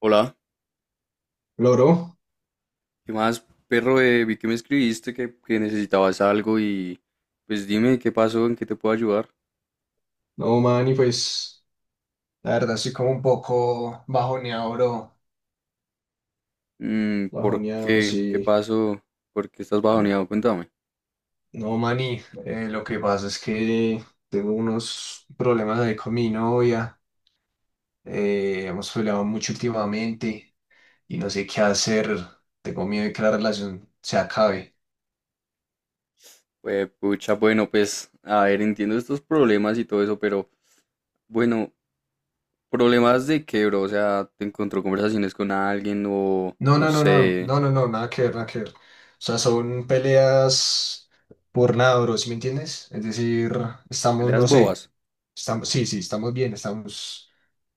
Hola, Loro, ¿qué más, perro? Vi que me escribiste que necesitabas algo y pues dime qué pasó, en qué te puedo ayudar. no, man, y pues la verdad estoy como un poco bajoneado, bro. Mm, ¿por Bajoneado, qué? ¿Qué sí. pasó? ¿Por qué estás No, bajoneado? Cuéntame. no man, y lo que pasa es que tengo unos problemas ahí con mi novia. Hemos peleado mucho últimamente y no sé qué hacer. Tengo miedo de que la relación se acabe. Pues, pucha, bueno, pues, a ver, entiendo estos problemas y todo eso, pero bueno, ¿problemas de qué, bro? O sea, ¿te encontró conversaciones con alguien o No, no no, no, no, sé, no, no, no, nada que ver, nada que ver. O sea, son peleas por nada, bro, ¿sí me entiendes? Es decir, estamos, peleas no sé, bobas? estamos, sí, sí, estamos bien, estamos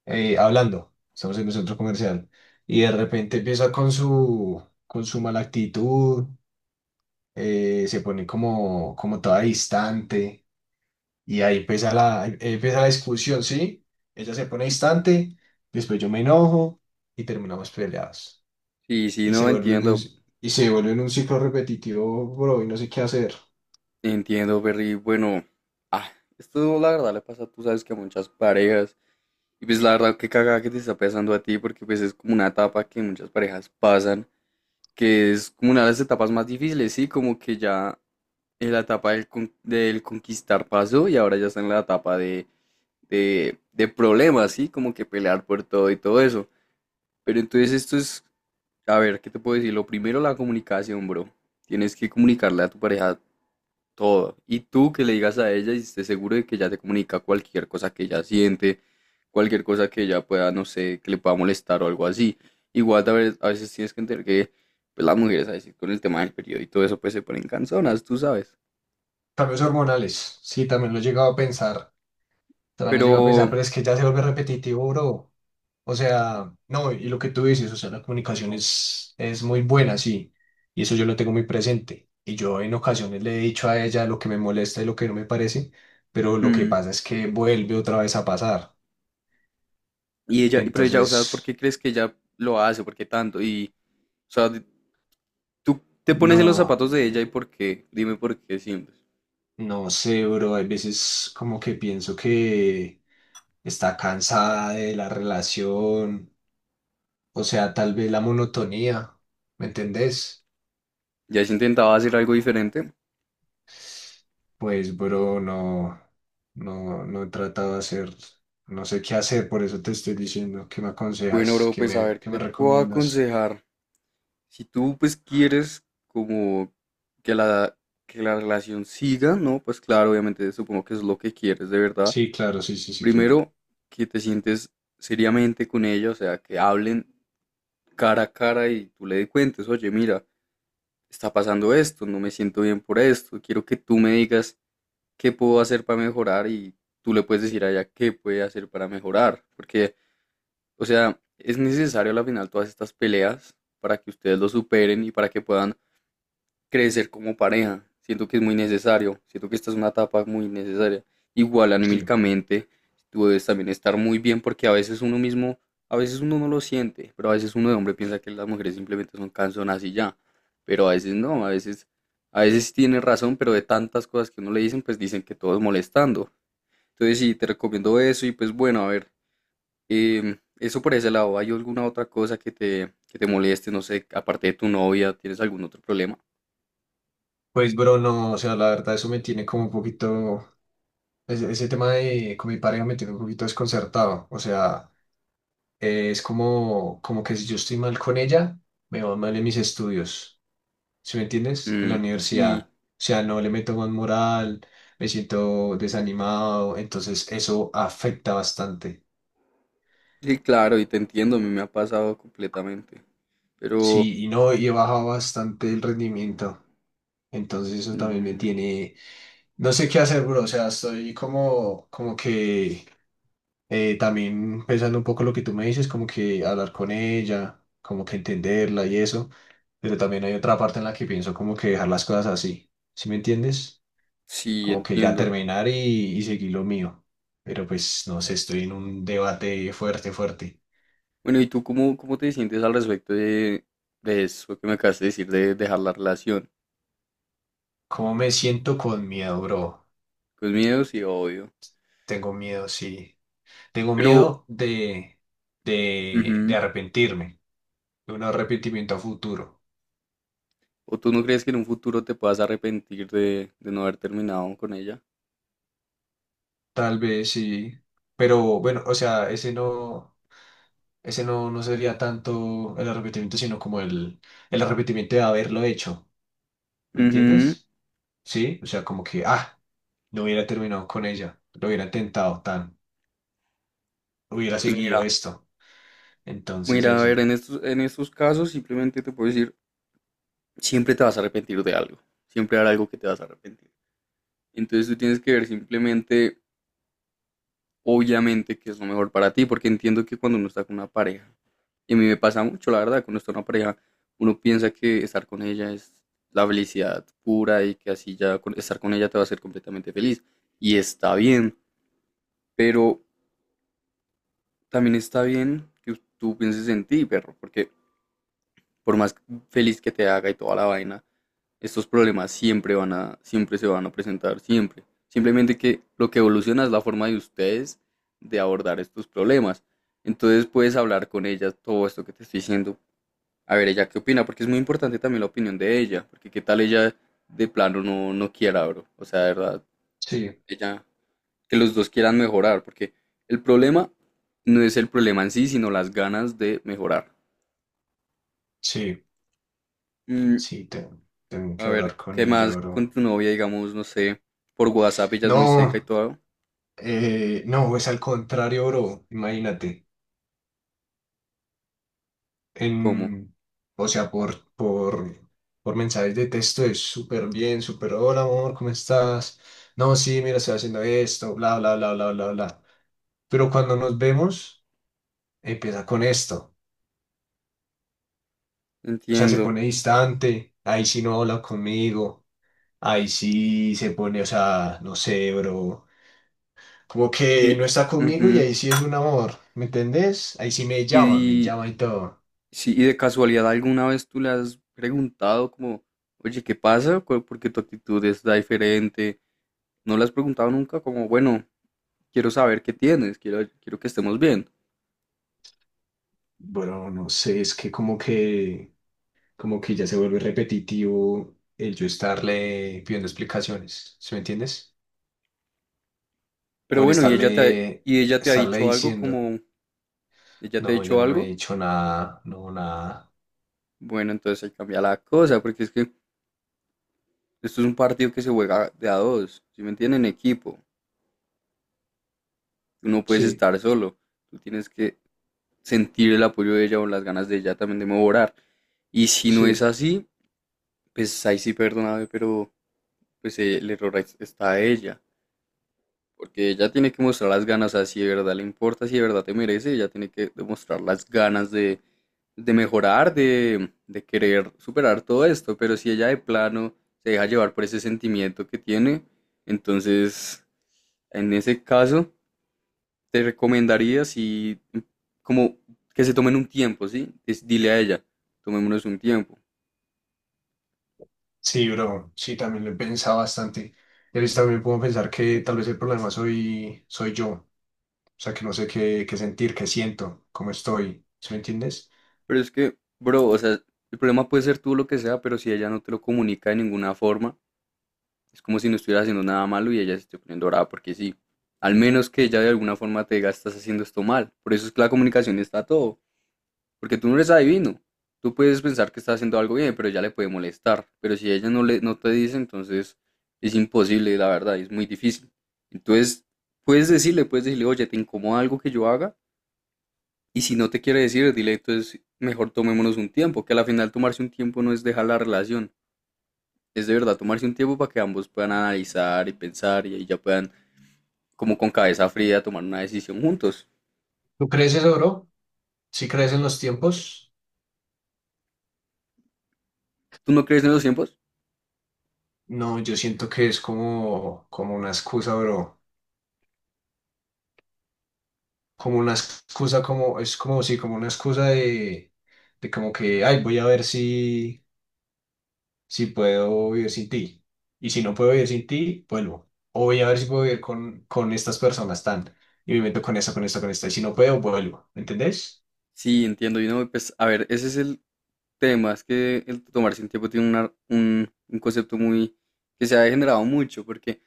hablando, estamos en un centro comercial y de repente empieza con su mala actitud, se pone como, como toda distante y ahí empieza ahí empieza la discusión, ¿sí? Ella se pone Sí, distante, después yo me enojo y terminamos peleados sí, sí, y se no vuelve un, entiendo, y se vuelve en un ciclo repetitivo, bro, y no sé qué hacer. entiendo, perri. Bueno, ah, esto la verdad le pasa, tú sabes que a muchas parejas. Y pues la verdad, qué cagada que te está pasando a ti, porque pues es como una etapa que muchas parejas pasan, que es como una de las etapas más difíciles, ¿sí? Como que ya en la etapa del, del conquistar pasó y ahora ya está en la etapa de problemas, ¿sí? Como que pelear por todo y todo eso. Pero entonces esto es, a ver, ¿qué te puedo decir? Lo primero, la comunicación, bro. Tienes que comunicarle a tu pareja todo. Y tú que le digas a ella y estés seguro de que ella te comunica cualquier cosa que ella siente, cualquier cosa que ella pueda, no sé, que le pueda molestar o algo así. Igual a veces tienes que entender que pues, las mujeres, a decir, con el tema del periodo y todo eso, pues se ponen canzonas, tú sabes. Cambios hormonales, sí, también lo he llegado a pensar, también lo he llegado a pensar, Pero, pero es que ya se vuelve repetitivo, bro. O sea, no, y lo que tú dices, o sea, la comunicación es muy buena, sí, y eso yo lo tengo muy presente. Y yo en ocasiones le he dicho a ella lo que me molesta y lo que no me parece, pero lo que mm, pasa es que vuelve otra vez a pasar. y ella, pero ella, o sea, ¿por qué Entonces, crees que ella lo hace? ¿Por qué tanto? Y, o sea, tú te pones en los no, zapatos de ella y por qué, dime por qué siempre. no sé, bro, hay veces como que pienso que está cansada de la relación, o sea, tal vez la monotonía, ¿me entendés? ¿Ya has intentado hacer algo diferente? Pues, bro, no, no he tratado de hacer, no sé qué hacer, por eso te estoy diciendo, ¿qué me Bueno, aconsejas? bro, pues a ver, ¿qué ¿qué te me puedo recomiendas? aconsejar? Si tú pues quieres como que la, que la relación siga, ¿no? Pues claro, obviamente supongo que es lo que quieres de verdad. Sí, claro, sí, sí, sí quiero. Primero, que te sientes seriamente con ella, o sea, que hablen cara a cara y tú le cuentes, oye, mira, está pasando esto, no me siento bien por esto, quiero que tú me digas qué puedo hacer para mejorar y tú le puedes decir a ella qué puede hacer para mejorar, porque, o sea, es necesario al final todas estas peleas para que ustedes lo superen y para que puedan crecer como pareja. Siento que es muy necesario. Siento que esta es una etapa muy necesaria. Igual Sí. anímicamente, tú debes también estar muy bien porque a veces uno no lo siente, pero a veces uno de hombre piensa que las mujeres simplemente son canzonas y ya. Pero a veces no, a veces sí tiene razón, pero de tantas cosas que uno le dicen, pues dicen que todo es molestando. Entonces sí, te recomiendo eso y pues bueno, a ver, eso por ese lado. ¿Hay alguna otra cosa que te moleste? No sé, aparte de tu novia, ¿tienes algún otro problema? Pues, bro, no, o sea, la verdad, eso me tiene como un poquito, ese tema de, con mi pareja me tiene un poquito desconcertado, o sea, es como, como que si yo estoy mal con ella, me va mal en mis estudios, ¿sí me entiendes? En la Mm, sí. universidad. O sea, no le meto más moral, me siento desanimado, entonces eso afecta bastante. Sí, claro, y te entiendo, a mí me ha pasado completamente. Pero Sí, y no, y he bajado bastante el rendimiento. Entonces eso también me mm, tiene, no sé qué hacer, bro. O sea, estoy como, como que también pensando un poco lo que tú me dices, como que hablar con ella, como que entenderla y eso, pero también hay otra parte en la que pienso como que dejar las cosas así, ¿sí me entiendes? sí, Como que ya entiendo. terminar y seguir lo mío, pero pues no sé, estoy en un debate fuerte, fuerte. Bueno, ¿y tú cómo te sientes al respecto de eso que me acabas de decir, de dejar la relación? ¿Cómo me siento? Con miedo, bro. Con miedo, sí, obvio. Tengo miedo, sí. Tengo Pero, miedo de ujú, arrepentirme, de un arrepentimiento a futuro. ¿o tú no crees que en un futuro te puedas arrepentir de no haber terminado con ella? Tal vez sí, pero bueno, o sea, ese no, no sería tanto el arrepentimiento, sino como el arrepentimiento de haberlo hecho, ¿me Ujú, entiendes? ¿Sí? O sea, como que, ah, no hubiera terminado con ella, lo hubiera intentado tan, hubiera pues seguido mira, esto. Entonces mira, a ver, eso, en en estos casos simplemente te puedo decir, siempre te vas a arrepentir de algo, siempre hará algo que te vas a arrepentir. Entonces tú tienes que ver simplemente obviamente que es lo mejor para ti, porque entiendo que cuando uno está con una pareja, y a mí me pasa mucho, la verdad, cuando está con una pareja, uno piensa que estar con ella es la felicidad pura y que así ya estar con ella te va a hacer completamente feliz. Y está bien, pero también está bien que tú pienses en ti, perro, porque por más feliz que te haga y toda la vaina, estos problemas siempre se van a presentar, siempre. Simplemente que lo que evoluciona es la forma de ustedes de abordar estos problemas. Entonces puedes hablar con ella todo esto que te estoy diciendo, a ver ella qué opina, porque es muy importante también la opinión de ella, porque qué tal ella de plano no quiera, bro. O sea, de verdad, sí, ella, que los dos quieran mejorar, porque el problema no es el problema en sí, sino las ganas de mejorar. sí, Mm, sí, tengo a que ver, hablar con ¿qué ella, más con bro. tu novia, digamos, no sé, por WhatsApp ella es muy seca y No, todo? No, es al contrario, bro, imagínate, ¿Cómo? en, o sea, por mensajes de texto es súper bien, súper, hola, amor, ¿cómo estás? No, sí, mira, estoy haciendo esto, bla, bla, bla, bla, bla, bla. Pero cuando nos vemos, empieza con esto. O sea, se Entiendo. pone distante, ahí sí no habla conmigo, ahí sí se pone, o sea, no sé, bro, como que Y, no está conmigo y ujú, ahí sí es un amor, ¿me entendés? Ahí sí me y, llama y todo. sí, y de casualidad alguna vez tú le has preguntado como, oye, ¿qué pasa? ¿Cu- Porque tu actitud está diferente. No le has preguntado nunca como, bueno, quiero saber qué tienes, quiero que estemos bien. Bueno, no sé, es que como que ya se vuelve repetitivo el yo estarle pidiendo explicaciones, ¿sí me entiendes? Pero O el bueno, estarle, y ella te ha estarle dicho algo diciendo, como, ella te ha no, ya dicho no me he algo, dicho nada, no, nada. bueno, entonces ahí cambia la cosa, porque es que esto es un partido que se juega de a dos, ¿sí me entienden? En equipo. Tú no puedes Sí, estar solo. Tú tienes que sentir el apoyo de ella o las ganas de ella también de mejorar. Y si no es sí. así, pues ahí sí perdóname, pero pues el está a ella. Porque ella tiene que mostrar las ganas, o sea, si de verdad le importa, si de verdad te merece, ella tiene que demostrar las ganas de mejorar, de querer superar todo esto. Pero si ella de plano se deja llevar por ese sentimiento que tiene, entonces en ese caso te recomendaría si, como que se tomen un tiempo, ¿sí? Dile a ella, tomémonos un tiempo. Sí, bro, sí, también lo he pensado bastante. Y a veces también puedo pensar que tal vez el problema soy yo. O sea, que no sé qué, qué sentir, qué siento, cómo estoy. ¿Sí me entiendes? Pero es que, bro, o sea, el problema puede ser tú lo que sea, pero si ella no te lo comunica de ninguna forma, es como si no estuvieras haciendo nada malo y ella se esté poniendo brava porque sí. Al menos que ella de alguna forma te diga, estás haciendo esto mal. Por eso es que la comunicación está a todo. Porque tú no eres adivino. Tú puedes pensar que está haciendo algo bien, pero ya le puede molestar. Pero si ella no, no te dice, entonces es imposible, la verdad, es muy difícil. Entonces, puedes decirle, oye, ¿te incomoda algo que yo haga? Y si no te quiere decir, dile, entonces mejor tomémonos un tiempo, que al final tomarse un tiempo no es dejar la relación, es de verdad tomarse un tiempo para que ambos puedan analizar y pensar y ahí ya puedan, como con cabeza fría, tomar una decisión juntos. ¿Tú crees eso, bro? ¿Sí crees en los tiempos? ¿Tú no crees en los tiempos? No, yo siento que es como, como una excusa, bro. Como una excusa, como, es como, sí, como una excusa de como que, ay, voy a ver si. Si puedo vivir sin ti. Y si no puedo vivir sin ti, vuelvo. O voy a ver si puedo vivir con estas personas tan. Y me meto con esta, con esta, con esta. Y si no puedo, vuelvo. ¿Me entendés? Sí, entiendo. Y no, pues, a ver, ese es el temas que el tomarse un tiempo tiene un concepto muy que se ha degenerado mucho, porque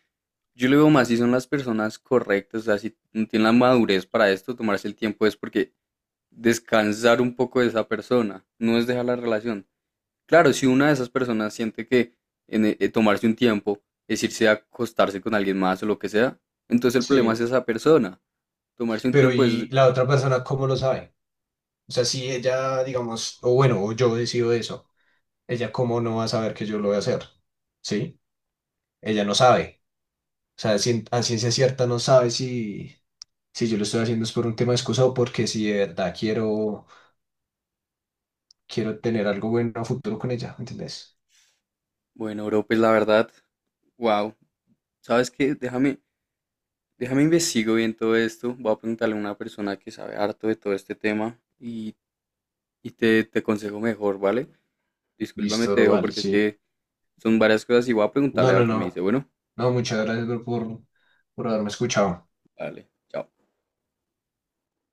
yo lo veo más si son las personas correctas, o sea, si no tienen la madurez para esto, tomarse el tiempo es porque descansar un poco de esa persona, no es dejar la relación. Claro, si una de esas personas siente que en, tomarse un tiempo es irse a acostarse con alguien más o lo que sea, entonces el problema es Sí. esa persona. Tomarse un Pero tiempo es, ¿y la otra persona cómo lo sabe? O sea, si ella, digamos, o bueno, o yo decido eso, ella cómo no va a saber que yo lo voy a hacer. ¿Sí? Ella no sabe. O sea, a ciencia cierta no sabe si, si yo lo estoy haciendo es por un tema de excusa o porque si de verdad quiero, quiero tener algo bueno a futuro con ella. ¿Me ¿Entendés? bueno, bro, pues la verdad, wow, ¿sabes qué? Déjame investigo bien todo esto. Voy a preguntarle a una persona que sabe harto de todo este tema y, te aconsejo mejor, ¿vale? Discúlpame, Listo, te bro, dejo vale, porque es sí. que son varias cosas y voy a preguntarle No, a no, ver qué me no. dice. Bueno, No, muchas gracias, bro, por haberme escuchado. vale, chao.